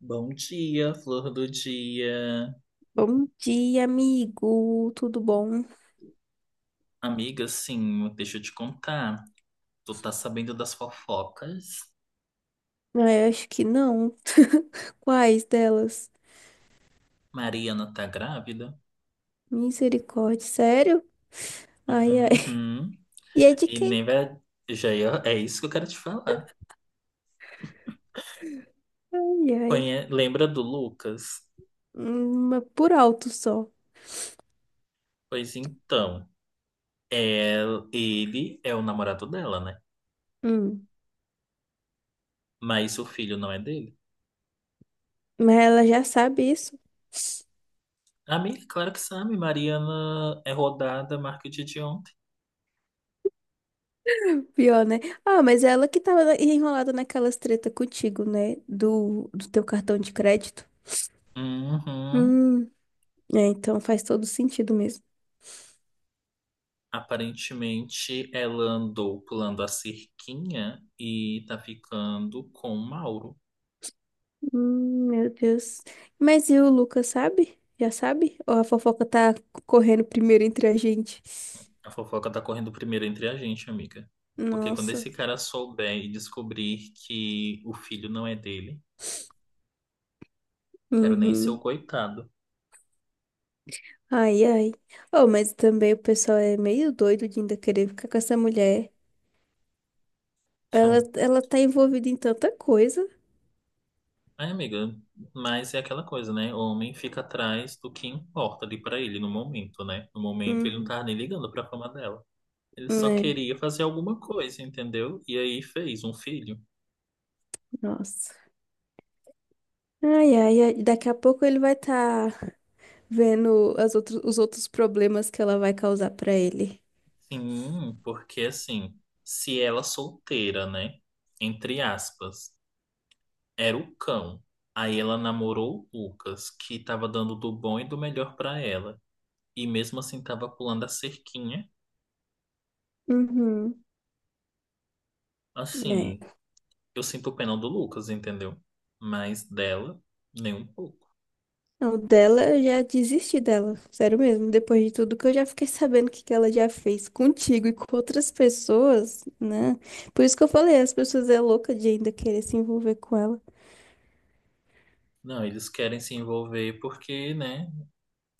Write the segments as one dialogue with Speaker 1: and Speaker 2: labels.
Speaker 1: Bom dia, flor do dia.
Speaker 2: Bom dia, amigo. Tudo bom?
Speaker 1: Amiga, sim, deixa eu te contar. Tu tá sabendo das fofocas?
Speaker 2: Ah, eu acho que não. Quais delas?
Speaker 1: Mariana tá grávida?
Speaker 2: Misericórdia, sério? Ai, ai.
Speaker 1: Uhum.
Speaker 2: E é de
Speaker 1: E
Speaker 2: quem?
Speaker 1: nem vai. É isso que eu quero te falar.
Speaker 2: Ai, ai.
Speaker 1: Lembra do Lucas?
Speaker 2: Mas por alto só.
Speaker 1: Pois então, é... ele é o namorado dela, né?
Speaker 2: Hum.
Speaker 1: Mas o filho não é dele.
Speaker 2: Mas ela já sabe isso.
Speaker 1: Amiga, claro que sabe. Mariana é rodada, marca o dia de ontem.
Speaker 2: Pior, né? Ah, mas é ela que enrolada naquelas treta contigo, né? Do teu cartão de crédito.
Speaker 1: Uhum.
Speaker 2: Hum. É, então faz todo sentido mesmo.
Speaker 1: Aparentemente, ela andou pulando a cerquinha e tá ficando com o Mauro.
Speaker 2: Meu Deus. Mas e o Lucas, sabe? Já sabe? Ou a fofoca tá correndo primeiro entre a gente?
Speaker 1: A fofoca tá correndo primeiro entre a gente, amiga. Porque quando
Speaker 2: Nossa.
Speaker 1: esse cara souber e descobrir que o filho não é dele, quero nem ser o
Speaker 2: Uhum.
Speaker 1: coitado.
Speaker 2: Ai, ai. Oh, mas também o pessoal é meio doido de ainda querer ficar com essa mulher. Ela,
Speaker 1: Hum.
Speaker 2: ela tá envolvida em tanta coisa.
Speaker 1: É, amiga, mas é aquela coisa, né? O homem fica atrás do que importa ali pra ele no momento, né? No momento ele não
Speaker 2: Uhum.
Speaker 1: tava nem ligando pra fama dela. Ele só
Speaker 2: É,
Speaker 1: queria fazer alguma coisa, entendeu? E aí fez um filho.
Speaker 2: nossa. Ai, ai, ai. Daqui a pouco ele vai estar tá vendo as outros os outros problemas que ela vai causar pra ele.
Speaker 1: Sim, porque assim, se ela solteira, né? Entre aspas, era o cão. Aí ela namorou o Lucas, que tava dando do bom e do melhor pra ela. E mesmo assim tava pulando a cerquinha.
Speaker 2: Uhum.
Speaker 1: Assim,
Speaker 2: É.
Speaker 1: eu sinto pena do Lucas, entendeu? Mas dela, nem um pouco.
Speaker 2: Não, dela eu já desisti dela, sério mesmo. Depois de tudo que eu já fiquei sabendo que ela já fez contigo e com outras pessoas, né? Por isso que eu falei, as pessoas é louca de ainda querer se envolver com ela.
Speaker 1: Não, eles querem se envolver porque, né?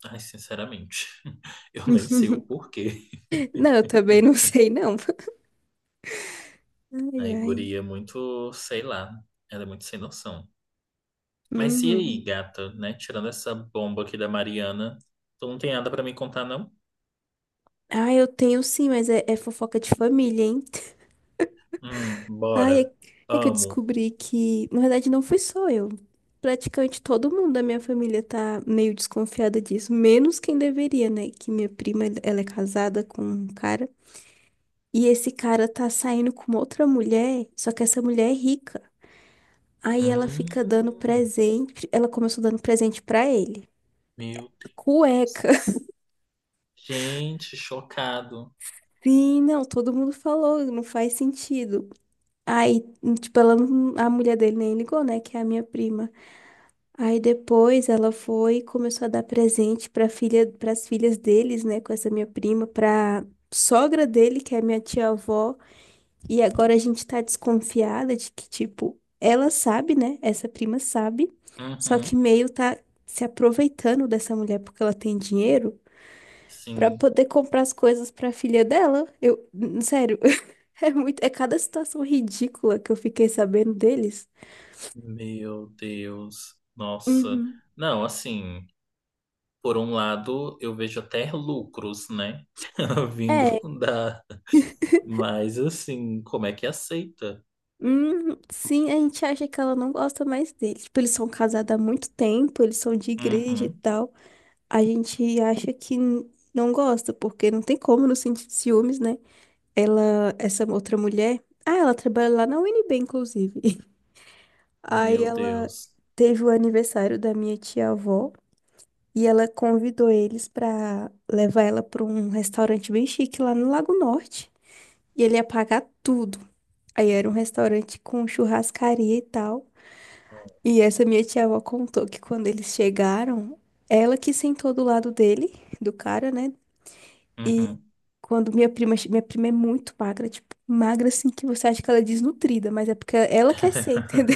Speaker 1: Ai, sinceramente, eu nem sei o porquê.
Speaker 2: Não, eu também não sei, não.
Speaker 1: A
Speaker 2: Ai, ai.
Speaker 1: guria é muito, sei lá, ela é muito sem noção. Mas e aí,
Speaker 2: Uhum.
Speaker 1: gata, né? Tirando essa bomba aqui da Mariana, tu não tem nada pra me contar, não?
Speaker 2: Ah, eu tenho sim, mas é fofoca de família, hein?
Speaker 1: Bora.
Speaker 2: Ai, é, é que eu
Speaker 1: Amo.
Speaker 2: descobri que, na verdade, não fui só eu. Praticamente todo mundo da minha família tá meio desconfiada disso, menos quem deveria, né? Que minha prima, ela é casada com um cara, e esse cara tá saindo com outra mulher, só que essa mulher é rica. Aí ela fica dando
Speaker 1: Hum,
Speaker 2: presente, ela começou dando presente pra ele.
Speaker 1: meu Deus.
Speaker 2: Cueca.
Speaker 1: Gente, chocado.
Speaker 2: Sim, não, todo mundo falou, não faz sentido. Aí, tipo, ela, não- a mulher dele nem ligou, né? Que é a minha prima. Aí depois ela foi e começou a dar presente para filha, para as filhas deles, né, com essa minha prima, para sogra dele, que é minha tia-avó, e agora a gente tá desconfiada de que tipo, ela sabe, né? Essa prima sabe, só que
Speaker 1: Uhum,
Speaker 2: meio tá se aproveitando dessa mulher porque ela tem dinheiro para
Speaker 1: sim.
Speaker 2: poder comprar as coisas para filha dela. Sério, é muito, é cada situação ridícula que eu fiquei sabendo deles.
Speaker 1: Meu Deus. Nossa.
Speaker 2: Uhum.
Speaker 1: Não, assim, por um lado, eu vejo até lucros, né? Vindo
Speaker 2: É,
Speaker 1: da. Mas, assim, como é que aceita?
Speaker 2: hum, sim, a gente acha que ela não gosta mais dele. Tipo, eles são casados há muito tempo, eles são de igreja e
Speaker 1: Uhum,
Speaker 2: tal. A gente acha que não gosta, porque não tem como não sentir ciúmes, né? Ela, essa outra mulher, ah, ela trabalha lá na UNB, inclusive. Aí
Speaker 1: meu
Speaker 2: ela
Speaker 1: Deus.
Speaker 2: teve o aniversário da minha tia-avó e ela convidou eles pra levar ela pra um restaurante bem chique lá no Lago Norte. E ele ia pagar tudo. Aí era um restaurante com churrascaria e tal. E essa minha tia-avó contou que quando eles chegaram, ela que sentou do lado dele, do cara, né? E
Speaker 1: Uhum.
Speaker 2: quando minha prima é muito magra, tipo, magra assim que você acha que ela é desnutrida, mas é porque ela quer ser, entendeu?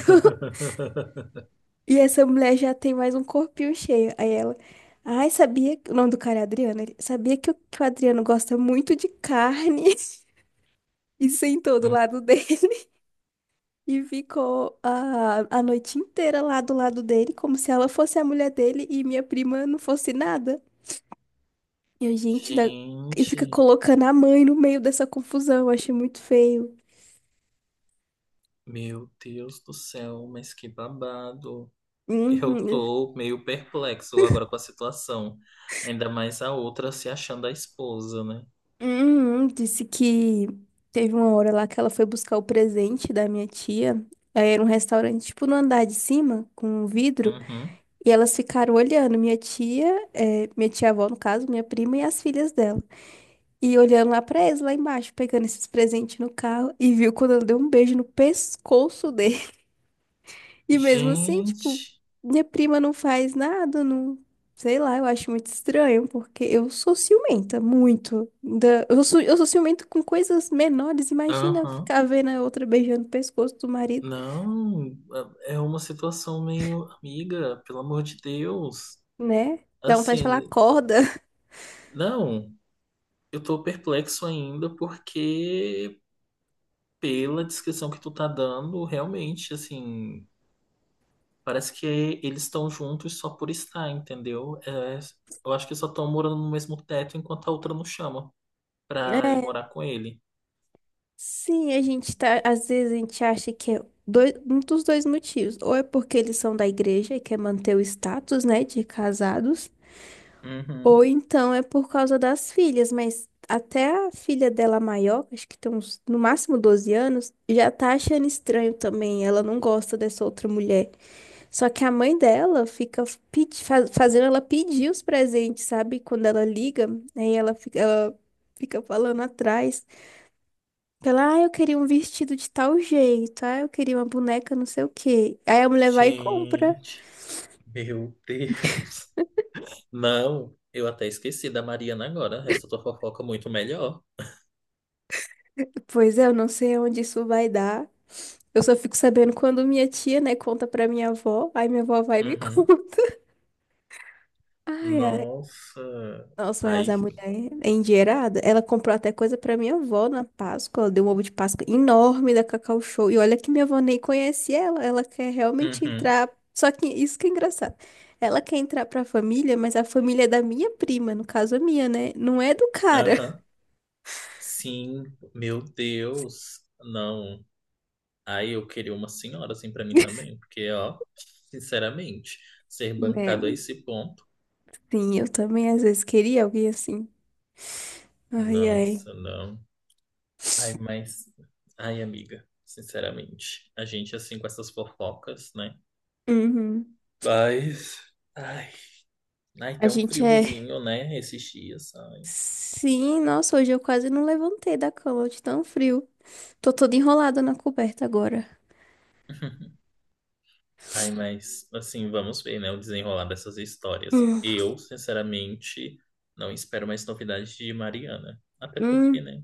Speaker 2: E essa mulher já tem mais um corpinho cheio. Aí ela, ai, sabia que o nome do cara é Adriano? Ele, sabia que que o Adriano gosta muito de carne e sentou do
Speaker 1: Hum.
Speaker 2: lado dele. E ficou a noite inteira lá do lado dele, como se ela fosse a mulher dele e minha prima não fosse nada. E a gente ainda... E fica
Speaker 1: Gente,
Speaker 2: colocando a mãe no meio dessa confusão, eu achei muito feio.
Speaker 1: meu Deus do céu, mas que babado. Eu
Speaker 2: Uhum.
Speaker 1: tô meio perplexo agora com a situação. Ainda mais a outra se achando a esposa, né?
Speaker 2: Uhum. Disse que teve uma hora lá que ela foi buscar o presente da minha tia. Aí era um restaurante, tipo, no andar de cima, com um vidro.
Speaker 1: Uhum.
Speaker 2: E elas ficaram olhando, minha tia, minha tia-avó, no caso, minha prima e as filhas dela. E olhando lá pra eles, lá embaixo, pegando esses presentes no carro, e viu quando ela deu um beijo no pescoço dele. E mesmo assim, tipo,
Speaker 1: Gente,
Speaker 2: minha prima não faz nada, não. Sei lá, eu acho muito estranho, porque eu sou ciumenta, muito. Eu sou ciumenta com coisas menores, imagina
Speaker 1: aham.
Speaker 2: ficar vendo a outra beijando o pescoço do marido,
Speaker 1: Não, é uma situação meio amiga, pelo amor de Deus.
Speaker 2: né? Dá vontade de falar,
Speaker 1: Assim,
Speaker 2: acorda.
Speaker 1: não, eu tô perplexo ainda porque pela descrição que tu tá dando, realmente, assim, parece que eles estão juntos só por estar, entendeu? É, eu acho que só estão morando no mesmo teto enquanto a outra não chama pra ir morar com ele.
Speaker 2: Sim, a gente tá, às vezes a gente acha que é dois, um dos dois motivos, ou é porque eles são da igreja e quer manter o status, né, de casados,
Speaker 1: Uhum.
Speaker 2: ou então é por causa das filhas, mas até a filha dela maior, acho que tem uns, no máximo 12 anos, já tá achando estranho também, ela não gosta dessa outra mulher. Só que a mãe dela fica fazendo ela pedir os presentes, sabe? Quando ela liga, ela fica falando atrás. Pela, ah, eu queria um vestido de tal jeito, ah, eu queria uma boneca não sei o quê. Aí a mulher vai e compra.
Speaker 1: Gente, meu Deus. Não, eu até esqueci da Mariana agora. Essa tua fofoca é muito melhor.
Speaker 2: Pois é, eu não sei onde isso vai dar. Eu só fico sabendo quando minha tia, né, conta pra minha avó, aí minha avó vai e me
Speaker 1: Uhum.
Speaker 2: conta. Ai, ai.
Speaker 1: Nossa.
Speaker 2: Nossa, mas
Speaker 1: Ai.
Speaker 2: a mulher é endinheirada. Ela comprou até coisa pra minha avó na Páscoa. Ela deu um ovo de Páscoa enorme da Cacau Show. E olha que minha avó nem conhece ela. Ela quer realmente
Speaker 1: Uhum.
Speaker 2: entrar. Só que isso que é engraçado. Ela quer entrar pra família, mas a família é da minha prima, no caso a minha, né? Não é do cara.
Speaker 1: Aham. Sim, meu Deus. Não. Aí eu queria uma senhora assim pra mim também, porque, ó, sinceramente, ser
Speaker 2: É,
Speaker 1: bancado a esse ponto,
Speaker 2: sim, eu também às vezes queria alguém assim. Ai, ai.
Speaker 1: nossa, não. Ai, mas, ai, amiga, sinceramente, a gente assim com essas fofocas, né?
Speaker 2: Uhum.
Speaker 1: Mas, ai, ai,
Speaker 2: A
Speaker 1: tá um
Speaker 2: gente é.
Speaker 1: friozinho, né, esses dias, ai.
Speaker 2: Sim, nossa, hoje eu quase não levantei da cama de tão frio. Tô toda enrolada na coberta agora.
Speaker 1: Ai, mas, assim, vamos ver, né, o desenrolar dessas histórias.
Speaker 2: Hum.
Speaker 1: Eu, sinceramente, não espero mais novidades de Mariana. Até porque,
Speaker 2: Hum,
Speaker 1: né?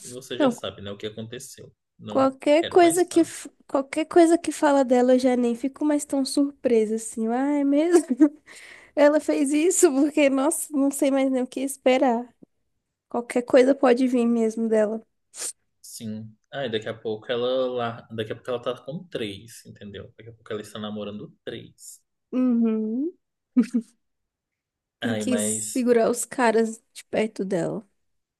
Speaker 1: Você já
Speaker 2: não,
Speaker 1: sabe, né, o que aconteceu. Não quero mais papo.
Speaker 2: qualquer coisa que fala dela eu já nem fico mais tão surpresa assim. Ah, é mesmo? Ela fez isso porque, nossa, não sei mais nem o que esperar. Qualquer coisa pode vir mesmo dela.
Speaker 1: Sim. Ai, daqui a pouco ela lá, daqui a pouco ela tá com três, entendeu? Daqui a pouco ela está namorando três.
Speaker 2: Uhum. Tem
Speaker 1: Ai,
Speaker 2: que segurar os caras de perto dela,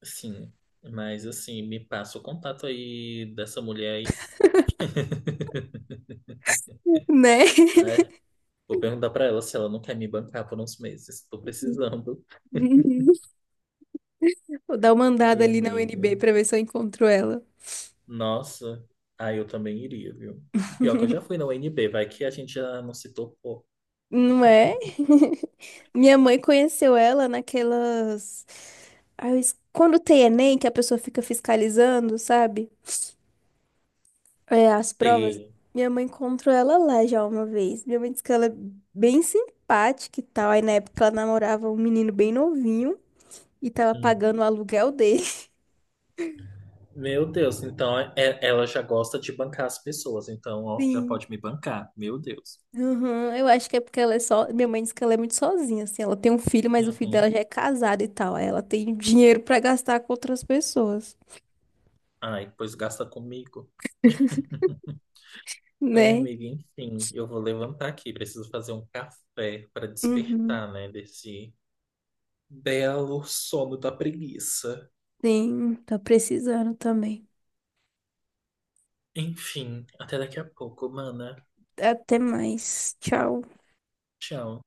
Speaker 1: sim, mas assim, me passa o contato aí dessa mulher aí.
Speaker 2: né?
Speaker 1: Ai, vou perguntar pra ela se ela não quer me bancar por uns meses. Tô precisando.
Speaker 2: Uhum. Vou dar uma andada
Speaker 1: Ai,
Speaker 2: ali na U N
Speaker 1: amiga.
Speaker 2: B pra ver se eu encontro ela.
Speaker 1: Nossa. Ai, eu também iria, viu? Pior que eu já fui na UNB, vai que a gente já não se topou.
Speaker 2: Não é? Minha mãe conheceu ela naquelas. Quando tem Enem, que a pessoa fica fiscalizando, sabe? É, as provas.
Speaker 1: Feio.
Speaker 2: Minha mãe encontrou ela lá já uma vez. Minha mãe disse que ela é bem simpática e tal. Aí na época ela namorava um menino bem novinho e tava pagando o aluguel dele.
Speaker 1: Meu Deus, então é- ela já gosta de bancar as pessoas, então ó, já pode
Speaker 2: Sim.
Speaker 1: me bancar. Meu Deus.
Speaker 2: Uhum, eu acho que é porque ela é só. Minha mãe disse que ela é muito sozinha, assim. Ela tem um filho, mas o filho
Speaker 1: Uhum.
Speaker 2: dela já é casado e tal. Aí ela tem dinheiro pra gastar com outras pessoas,
Speaker 1: Ai, pois gasta comigo. Ai,
Speaker 2: né?
Speaker 1: amiga, enfim, eu vou levantar aqui. Preciso fazer um café para
Speaker 2: Uhum.
Speaker 1: despertar, né, desse belo sono da preguiça.
Speaker 2: Sim, tá precisando também.
Speaker 1: Enfim, até daqui a pouco, mana.
Speaker 2: Até mais. Tchau.
Speaker 1: Tchau.